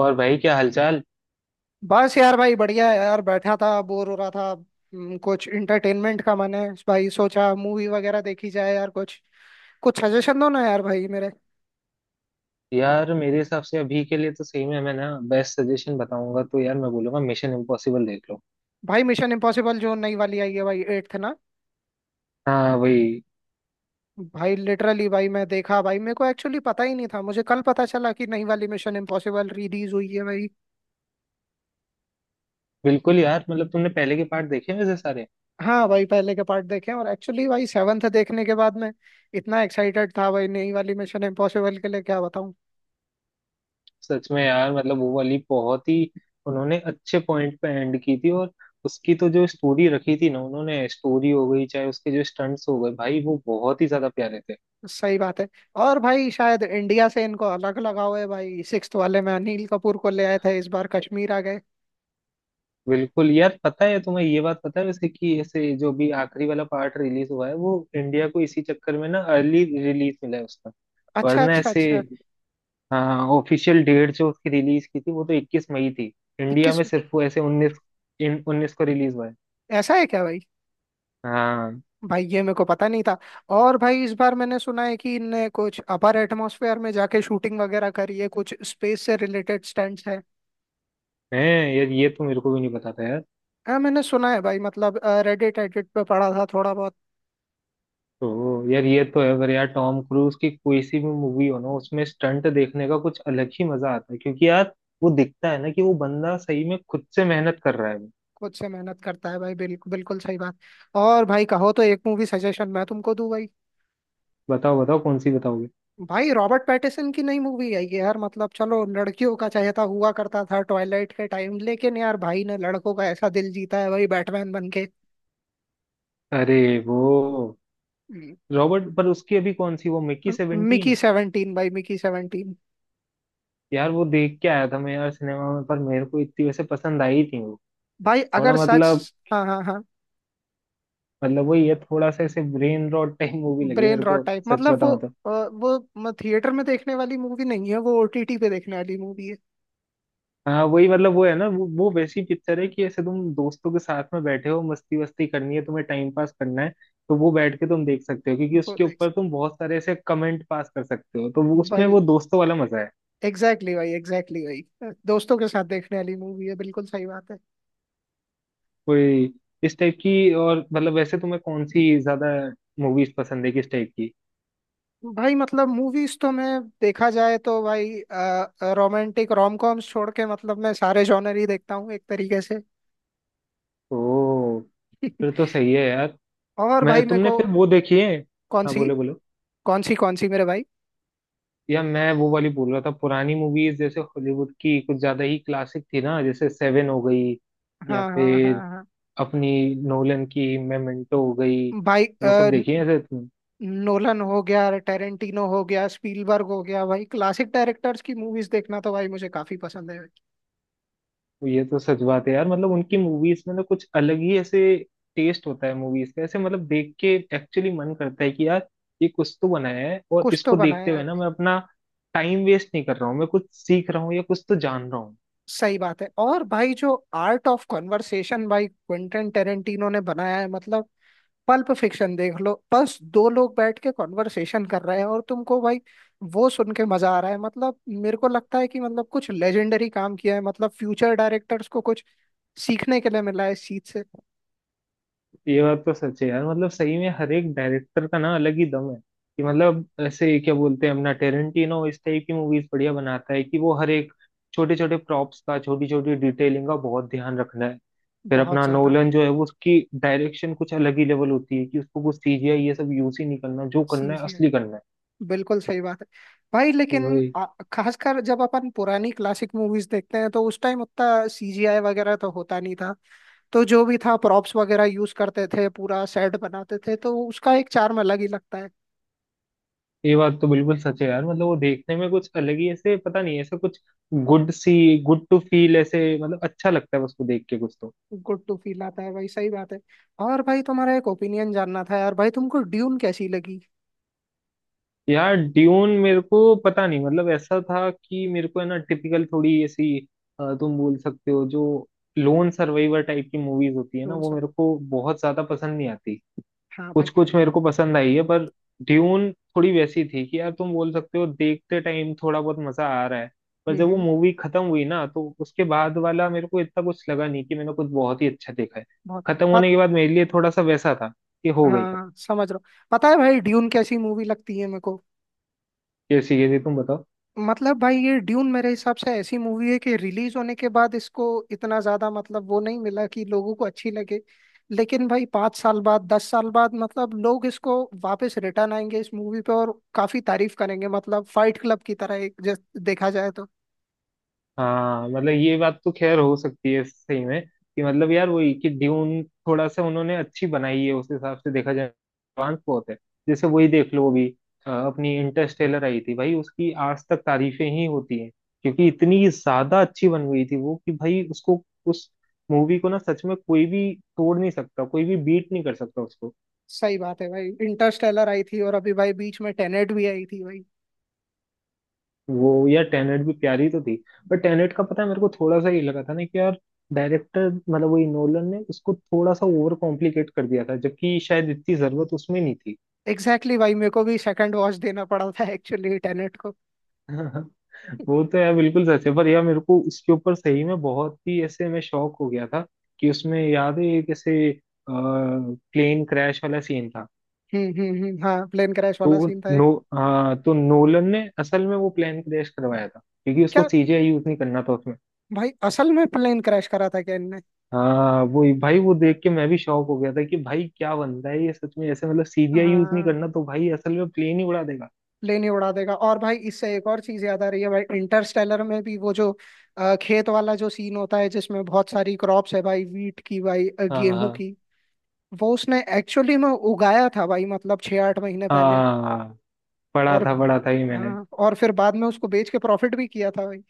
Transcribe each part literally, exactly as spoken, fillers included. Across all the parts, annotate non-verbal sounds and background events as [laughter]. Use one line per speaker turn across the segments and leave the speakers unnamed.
और भाई क्या हालचाल।
बस यार भाई बढ़िया है यार। बैठा था बोर हो रहा था हम्म, कुछ इंटरटेनमेंट का मैंने भाई सोचा मूवी वगैरह देखी जाए यार। कुछ कुछ सजेशन दो ना यार भाई मेरे।
यार मेरे हिसाब से अभी के लिए तो सही में मैं ना बेस्ट सजेशन बताऊंगा तो यार मैं बोलूंगा मिशन इम्पॉसिबल देख लो।
भाई मिशन इम्पॉसिबल जो नई वाली आई है भाई एट्थ ना।
हाँ वही।
भाई लिटरली भाई मैं देखा भाई, मेरे को एक्चुअली पता ही नहीं था, मुझे कल पता चला कि नई वाली मिशन इम्पॉसिबल रिलीज हुई है भाई।
बिल्कुल यार, मतलब तुमने पहले के पार्ट देखे वैसे सारे?
हाँ भाई पहले के पार्ट देखे हैं, और एक्चुअली भाई सेवन्थ देखने के बाद में इतना एक्साइटेड था भाई नई वाली मिशन इम्पॉसिबल के लिए, क्या बताऊं।
सच में यार, मतलब वो वाली बहुत ही उन्होंने अच्छे पॉइंट पे एंड की थी। और उसकी तो जो स्टोरी रखी थी ना उन्होंने, स्टोरी हो गई चाहे उसके जो स्टंट्स हो गए भाई वो बहुत ही ज्यादा प्यारे थे।
सही बात है। और भाई शायद इंडिया से इनको अलग लगाव है भाई, सिक्स्थ वाले में अनिल कपूर को ले आए थे, इस बार कश्मीर आ गए।
बिल्कुल यार, पता है तुम्हें ये बात पता है वैसे कि ऐसे जो भी आखिरी वाला पार्ट रिलीज हुआ है वो इंडिया को इसी चक्कर में ना अर्ली रिलीज मिला है उसका।
अच्छा,
वरना
अच्छा,
ऐसे
अच्छा।
हाँ, ऑफिशियल डेट जो उसकी रिलीज की थी वो तो इक्कीस मई थी। इंडिया
इक्कीस।
में सिर्फ वो ऐसे उन्नीस, इन उन्नीस को रिलीज हुआ है।
ऐसा है क्या भाई।
हाँ।
भाई ये मेरे को पता नहीं था। और भाई इस बार मैंने सुना है कि इनने कुछ अपर एटमॉस्फेयर में जाके शूटिंग वगैरह करी है, कुछ स्पेस से रिलेटेड स्टंट्स है।
है। यार ये तो मेरे को भी नहीं पता था यार।
हाँ मैंने सुना है भाई, मतलब रेडिट एडिट पे पढ़ा था थोड़ा बहुत।
तो यार ये तो है, अगर यार टॉम क्रूज की कोई सी भी मूवी हो ना उसमें स्टंट देखने का कुछ अलग ही मजा आता है, क्योंकि यार वो दिखता है ना कि वो बंदा सही में खुद से मेहनत कर रहा है।
खुद से मेहनत करता है भाई, बिल्कुल बिल्कुल सही बात। और भाई कहो तो एक मूवी सजेशन मैं तुमको दूं भाई।
बताओ बताओ कौन सी बताओगे।
भाई रॉबर्ट पैटिसन की नई मूवी आई है यार, मतलब चलो लड़कियों का चहेता हुआ करता था ट्वाइलाइट के टाइम, लेकिन यार भाई ने लड़कों का ऐसा दिल जीता है भाई बैटमैन बन के।
अरे वो
हम्म,
रॉबर्ट पर उसकी अभी कौन सी वो मिक्की
मिकी
सेवेंटीन?
सेवनटीन भाई, मिकी सेवनटीन।
यार वो देख के आया था मैं यार सिनेमा में, पर मेरे को इतनी वैसे पसंद आई थी वो,
भाई
थोड़ा
अगर सच।
मतलब,
हाँ, हाँ, हाँ।
मतलब वही है, थोड़ा सा ऐसे ब्रेन रॉट टाइप मूवी लगी
ब्रेन
मेरे को,
रॉट टाइप
सच
मतलब वो।
बताऊं तो।
अ, वो थिएटर में देखने वाली मूवी नहीं है, वो ओटीटी पे देखने वाली मूवी है।
हाँ वही, मतलब वो है ना, वो वो वैसी पिक्चर है कि ऐसे तुम दोस्तों के साथ में बैठे हो, मस्ती वस्ती करनी है, तुम्हें टाइम पास करना है, तो वो बैठ के तुम देख सकते हो, क्योंकि
वो
उसके
देख
ऊपर तुम बहुत सारे ऐसे कमेंट पास कर सकते हो, तो वो उसमें
भाई
वो दोस्तों वाला मजा है।
एग्जैक्टली exactly भाई एग्जैक्टली exactly भाई दोस्तों के साथ देखने वाली मूवी है, बिल्कुल सही बात है।
कोई इस टाइप की, और मतलब वैसे तुम्हें कौन सी ज्यादा मूवीज पसंद है किस टाइप की?
भाई मतलब मूवीज तो मैं, देखा जाए तो भाई रोमांटिक रोम कॉम्स छोड़ के मतलब मैं सारे जॉनर ही देखता हूँ एक तरीके से।
ओ, फिर
[laughs]
तो सही है यार।
और
मैं
भाई मेरे
तुमने
को।
फिर वो देखी है?
कौन
हाँ
सी।
बोलो बोलो।
कौन सी कौन सी मेरे भाई।
या मैं वो वाली बोल रहा था, पुरानी मूवीज जैसे हॉलीवुड की कुछ ज्यादा ही क्लासिक थी ना, जैसे सेवन हो गई या
हाँ, हाँ, हाँ,
फिर
हाँ।
अपनी नोलन की मेमेंटो हो गई,
भाई
वो सब
अ,
देखी है
न-
ऐसे?
नोलन हो गया, टेरेंटिनो हो गया, स्पीलबर्ग हो गया, भाई क्लासिक डायरेक्टर्स की मूवीज देखना तो भाई मुझे काफी पसंद है।
ये तो सच बात है यार, मतलब उनकी मूवीज में ना कुछ अलग ही ऐसे टेस्ट होता है मूवीज का, ऐसे मतलब देख के एक्चुअली मन करता है कि यार ये कुछ तो बनाया है, और
कुछ तो
इसको देखते
बनाया
हुए
है।
ना मैं अपना टाइम वेस्ट नहीं कर रहा हूँ, मैं कुछ सीख रहा हूँ या कुछ तो जान रहा हूँ।
सही बात है। और भाई जो आर्ट ऑफ कॉन्वर्सेशन भाई क्विंटन टेरेंटिनो ने बनाया है, मतलब पल्प फिक्शन देख लो, बस दो लोग बैठ के कॉन्वर्सेशन कर रहे हैं और तुमको भाई वो सुन के मजा आ रहा है। मतलब मेरे को लगता है कि मतलब कुछ लेजेंडरी काम किया है, मतलब फ्यूचर डायरेक्टर्स को कुछ सीखने के लिए मिला है इस चीज से।
ये बात तो सच है यार, मतलब सही में हर एक डायरेक्टर का ना अलग ही दम है। कि मतलब ऐसे क्या बोलते हैं, अपना टेरेंटिनो इस टाइप की मूवीज बढ़िया बनाता है कि वो हर एक छोटे छोटे प्रॉप्स का, छोटी छोटी डिटेलिंग का बहुत ध्यान रखना है। फिर
बहुत
अपना
ज्यादा
नोलन जो है, वो उसकी डायरेक्शन कुछ अलग ही लेवल होती है कि उसको कुछ सीजीआई ये सब यूज ही नहीं करना, जो करना
चीज
है
है।
असली करना है।
बिल्कुल सही बात है। भाई लेकिन
वही
आ- खासकर जब अपन पुरानी क्लासिक मूवीज देखते हैं तो उस टाइम उतना सीजीआई वगैरह तो होता नहीं था, तो जो भी था प्रॉप्स वगैरह यूज करते थे, पूरा सेट बनाते थे, तो उसका एक charm अलग ही लगता है।
ये बात तो बिल्कुल सच है यार, मतलब वो देखने में कुछ अलग ही ऐसे पता नहीं ऐसे कुछ गुड सी गुड टू फील, ऐसे मतलब अच्छा लगता है उसको देख के कुछ तो।
गुड टू फील आता है भाई, सही बात है। और भाई तुम्हारा एक ओपिनियन जानना था यार, भाई तुमको ड्यून कैसी लगी।
यार ड्यून मेरे को पता नहीं, मतलब ऐसा था कि मेरे को है ना टिपिकल थोड़ी ऐसी अ, तुम बोल सकते हो जो लोन सर्वाइवर टाइप की मूवीज होती है ना
ड्यून
वो
सब।
मेरे को बहुत ज्यादा पसंद नहीं आती।
हाँ भाई।
कुछ कुछ मेरे को पसंद आई है, पर ड्यून थोड़ी वैसी थी कि यार तुम बोल सकते हो देखते टाइम थोड़ा बहुत मजा आ रहा है, पर
हम्म,
जब वो
हम्म।
मूवी खत्म हुई ना तो उसके बाद वाला मेरे को इतना कुछ लगा नहीं कि मैंने कुछ बहुत ही अच्छा देखा है।
बहुत।
खत्म होने
पत।
के बाद मेरे लिए थोड़ा सा वैसा था कि हो गई खत्म।
हाँ समझ रहा हूँ, पता है भाई ड्यून कैसी मूवी लगती है मेरे को।
जैसे ये तुम बताओ।
मतलब भाई ये ड्यून मेरे हिसाब से ऐसी मूवी है कि रिलीज होने के बाद इसको इतना ज्यादा मतलब वो नहीं मिला कि लोगों को अच्छी लगे, लेकिन भाई पाँच साल बाद, दस साल बाद मतलब लोग इसको वापस रिटर्न आएंगे इस मूवी पे और काफी तारीफ करेंगे, मतलब फाइट क्लब की तरह एक जैसे देखा जाए तो।
हाँ मतलब ये बात तो खैर हो सकती है सही में, कि मतलब यार वही कि ड्यून थोड़ा सा उन्होंने अच्छी बनाई है, उस हिसाब से देखा जाए एडवांस बहुत है। जैसे वही देख लो अभी अ, अपनी इंटरस्टेलर आई थी भाई, उसकी आज तक तारीफें ही होती हैं। क्योंकि इतनी ज्यादा अच्छी बन गई थी वो कि भाई उसको, उस मूवी को ना, सच में कोई भी तोड़ नहीं सकता, कोई भी बीट नहीं कर सकता उसको।
सही बात है भाई। इंटरस्टेलर आई थी और अभी भाई बीच में टेनेट भी आई थी भाई।
वो यार टेनेट भी प्यारी तो थी, पर टेनेट का पता है मेरे को थोड़ा सा ये लगा था ना कि यार डायरेक्टर, मतलब वही नोलन ने उसको थोड़ा सा ओवर कॉम्प्लिकेट कर दिया था, जबकि शायद इतनी जरूरत उसमें नहीं थी।
एग्जैक्टली exactly भाई, मेरे को भी सेकंड वॉच देना पड़ा था एक्चुअली टेनेट को।
[laughs] वो तो यार बिल्कुल सच है, पर यार मेरे को उसके ऊपर सही में बहुत ही ऐसे मैं शॉक हो गया था कि उसमें याद है एक ऐसे प्लेन क्रैश वाला सीन था।
हम्म, हम्म, हम्म, हाँ प्लेन क्रैश वाला
तो
सीन था एक।
नो अ, तो नोलन ने असल में वो प्लेन क्रैश करवाया था क्योंकि उसको
क्या।
सीजीआई यूज नहीं करना था।
भाई असल में प्लेन क्रैश करा था क्या इनने।
हाँ वो भाई वो देख के मैं भी शॉक हो गया था कि भाई क्या बनता है ये, सच में ऐसे मतलब सीजीआई यूज नहीं
हाँ।
करना तो भाई असल में प्लेन ही उड़ा देगा।
प्लेन ही उड़ा देगा, और भाई इससे एक और चीज याद आ रही है भाई, इंटरस्टेलर में भी वो जो अ, खेत वाला जो सीन होता है जिसमें बहुत सारी क्रॉप्स है भाई, वीट की भाई, अ,
हाँ
गेहूं
हाँ
की। वो उसने एक्चुअली में उगाया था भाई, मतलब छह आठ महीने पहले।
हाँ। पढ़ा
और।
था पढ़ा था ही मैंने।
हाँ, और फिर बाद में उसको बेच के प्रॉफिट भी किया था भाई।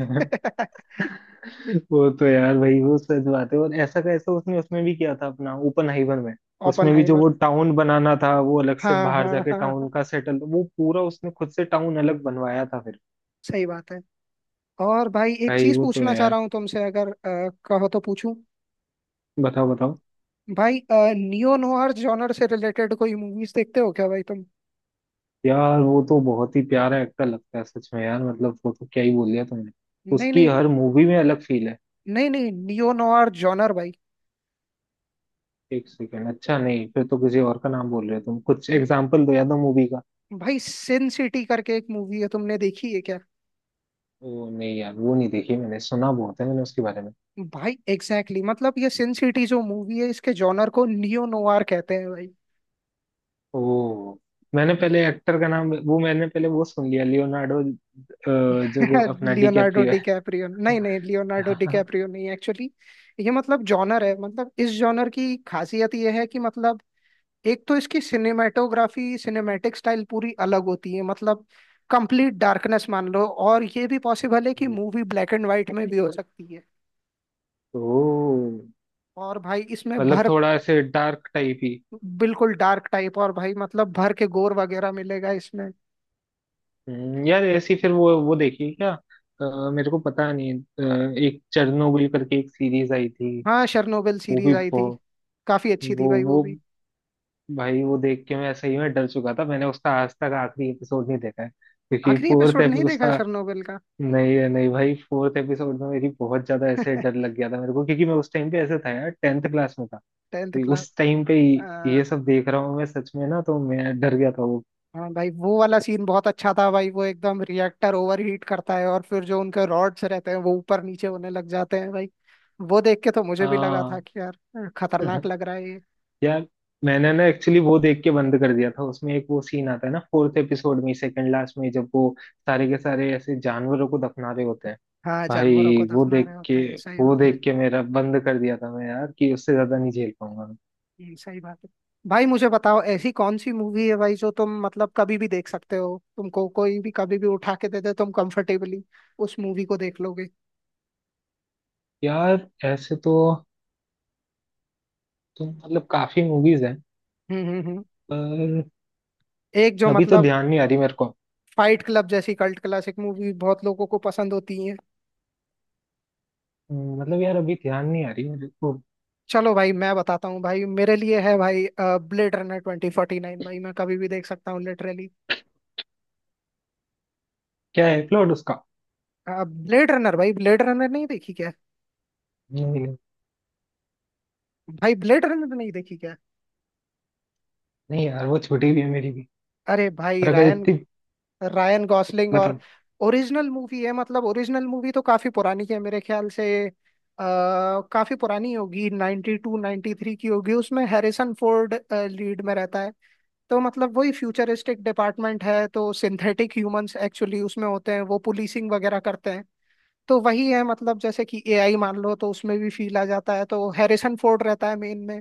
[laughs]
[laughs] वो तो यार भाई वो सच बात है, और ऐसा का ऐसा उसने उसमें भी किया था अपना ओपन हाइवर में। उसमें भी जो
ओपनहाइमर।
वो टाउन बनाना था वो अलग से
हाँ,
बाहर
हाँ,
जाके
हाँ, हाँ।
टाउन का सेटल वो पूरा उसने खुद से टाउन अलग बनवाया था फिर।
सही बात है। और भाई एक
भाई
चीज
वो तो
पूछना
है
चाह
यार,
रहा हूँ तुमसे, अगर अ, कहो तो पूछूं।
बताओ।
भाई नियो नोआर जॉनर से रिलेटेड कोई मूवीज देखते हो क्या भाई तुम।
यार वो तो बहुत ही प्यारा एक्टर लगता है, सच में यार मतलब वो तो क्या ही बोल दिया तुमने,
नहीं,
उसकी
नहीं।
हर मूवी में अलग फील है।
नहीं, नहीं, नियो नोआर जॉनर भाई।
एक सेकेंड, अच्छा नहीं, फिर तो किसी और का नाम बोल रहे हो तुम, कुछ
न-
एग्जाम्पल दो या दो मूवी का।
भाई सिन सिटी करके एक मूवी है, तुमने देखी है क्या।
ओ नहीं यार वो नहीं देखी, मैंने सुना बहुत है मैंने उसके बारे में।
भाई एग्जैक्टली exactly, मतलब ये सिन सिटी जो मूवी है इसके जॉनर को नियो नोआर कहते हैं भाई।
ओ, मैंने पहले एक्टर का नाम, वो मैंने पहले वो सुन लिया लियोनार्डो, जो
[laughs]
अपना
लियोनार्डो
डिकैप्रियो है।
डिकैप्रियो नहीं, नहीं, लियोनार्डो
[laughs]
डिकैप्रियो नहीं, एक्चुअली ये मतलब जॉनर है। मतलब इस जॉनर की खासियत ये है कि मतलब एक तो इसकी सिनेमेटोग्राफी सिनेमैटिक स्टाइल पूरी अलग होती है, मतलब कंप्लीट डार्कनेस मान लो, और ये भी पॉसिबल है कि मूवी ब्लैक एंड व्हाइट में भी हो सकती है।
तो
और भाई इसमें
मतलब
भर।
थोड़ा ऐसे डार्क टाइप ही।
बिल्कुल डार्क टाइप, और भाई मतलब भर के गोर वगैरह मिलेगा इसमें।
हम्म, यार ऐसी फिर वो वो देखी क्या? अ, मेरे को पता नहीं, अ, एक चेरनोबिल करके एक सीरीज आई थी।
हाँ, शर्नोबिल
वो
सीरीज
भी
आई थी,
बहु-
काफी अच्छी थी
वो
भाई
वो
वो भी।
भाई वो देख के मैं सही में डर चुका था, मैंने उसका आज तक आखिरी एपिसोड नहीं देखा है, क्योंकि
आखिरी
फोर्थ
एपिसोड नहीं
एपिसोड
देखा
उसका
शर्नोबिल का।
नहीं नहीं भाई फोर्थ एपिसोड में मेरी बहुत ज्यादा ऐसे डर
[laughs]
लग गया था मेरे को, क्योंकि मैं उस टाइम पे ऐसे था यार टेंथ क्लास में था।
टेंथ
भाई
क्लास
उस टाइम पे ये
आ,
ये सब देख रहा हूँ मैं सच में ना, तो मैं डर गया था वो।
हाँ भाई वो वाला सीन बहुत अच्छा था भाई, वो एकदम रिएक्टर ओवरहीट करता है और फिर जो उनके रॉड्स रहते हैं वो ऊपर नीचे होने लग जाते हैं भाई। वो देख के तो मुझे भी लगा था
हाँ।
कि यार अ, खतरनाक
[laughs]
लग रहा है ये।
यार मैंने ना एक्चुअली वो देख के बंद कर दिया था, उसमें एक वो सीन आता है ना फोर्थ एपिसोड में सेकंड लास्ट में जब वो सारे के सारे ऐसे जानवरों को दफना रहे होते हैं।
हाँ, जानवरों को
भाई वो
दफना
देख
रहे होते
के
हैं, सही
वो
बात है।
देख के मेरा बंद कर दिया था मैं यार कि उससे ज्यादा नहीं झेल पाऊंगा मैं।
ये सही बात है। भाई मुझे बताओ ऐसी कौन सी मूवी है भाई जो तुम मतलब कभी भी देख सकते हो, तुमको कोई भी कभी भी उठा के दे दे तुम कंफर्टेबली उस मूवी को देख लोगे।
यार ऐसे तो तुम मतलब काफी मूवीज हैं,
हम्म, हम्म, हम्म।
पर
एक जो
अभी तो
मतलब
ध्यान नहीं आ रही मेरे को।
फाइट क्लब जैसी कल्ट क्लासिक मूवी बहुत लोगों को पसंद होती है।
हम्म, मतलब यार अभी ध्यान नहीं आ रही मेरे को।
चलो भाई मैं बताता हूँ भाई, मेरे लिए है भाई blade runner twenty forty nine, भाई मैं कभी भी देख सकता हूँ लिटरली।
क्या है प्लॉट उसका?
ब्लेड रनर, भाई ब्लेड रनर नहीं देखी क्या।
नहीं नहीं।
भाई ब्लेड रनर नहीं देखी क्या।
नहीं यार वो छोटी भी है मेरी भी,
अरे भाई
पर अगर
रायन,
इतनी
रायन गॉसलिंग, और
बताओ।
ओरिजिनल मूवी है, मतलब ओरिजिनल मूवी तो काफी पुरानी है मेरे ख्याल से, आ, काफी पुरानी होगी 92 टू नाइन्टी थ्री की होगी, उसमें हैरिसन फोर्ड लीड में रहता है। तो मतलब वही फ्यूचरिस्टिक डिपार्टमेंट है, तो सिंथेटिक ह्यूमंस एक्चुअली उसमें होते हैं, वो पुलिसिंग वगैरह करते हैं। तो वही है मतलब जैसे कि एआई मान लो, तो उसमें भी फील आ जाता है, तो हैरिसन फोर्ड रहता है मेन में।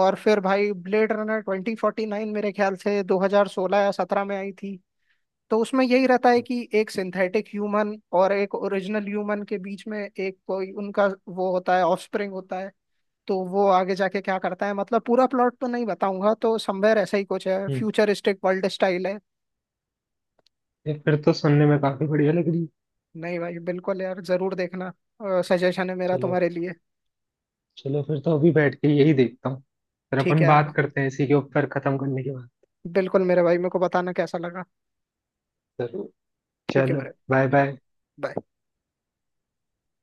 और फिर भाई blade runner twenty forty nine मेरे ख्याल से दो हज़ार सोलह या सत्रह में आई थी। तो उसमें यही रहता है कि एक सिंथेटिक ह्यूमन और एक ओरिजिनल ह्यूमन के बीच में एक कोई उनका वो होता है, ऑफस्प्रिंग होता है। तो वो आगे जाके क्या करता है, मतलब पूरा प्लॉट तो नहीं बताऊंगा, तो समवेयर ऐसा ही कुछ है,
हम्म।
फ्यूचरिस्टिक वर्ल्ड स्टाइल है।
ये फिर तो सुनने में काफी बढ़िया लग रही है।
नहीं भाई बिल्कुल यार, जरूर देखना, सजेशन है मेरा
चलो,
तुम्हारे लिए।
चलो फिर तो अभी बैठ के यही देखता हूँ, फिर
ठीक
अपन
है यार।
बात करते हैं इसी के ऊपर खत्म करने के बाद।
बिल्कुल मेरे भाई, मेरे को बताना कैसा लगा।
जरूर।
ठीक है
चलो,
मेरे
बाय
भाई। हाँ
बाय।
bye.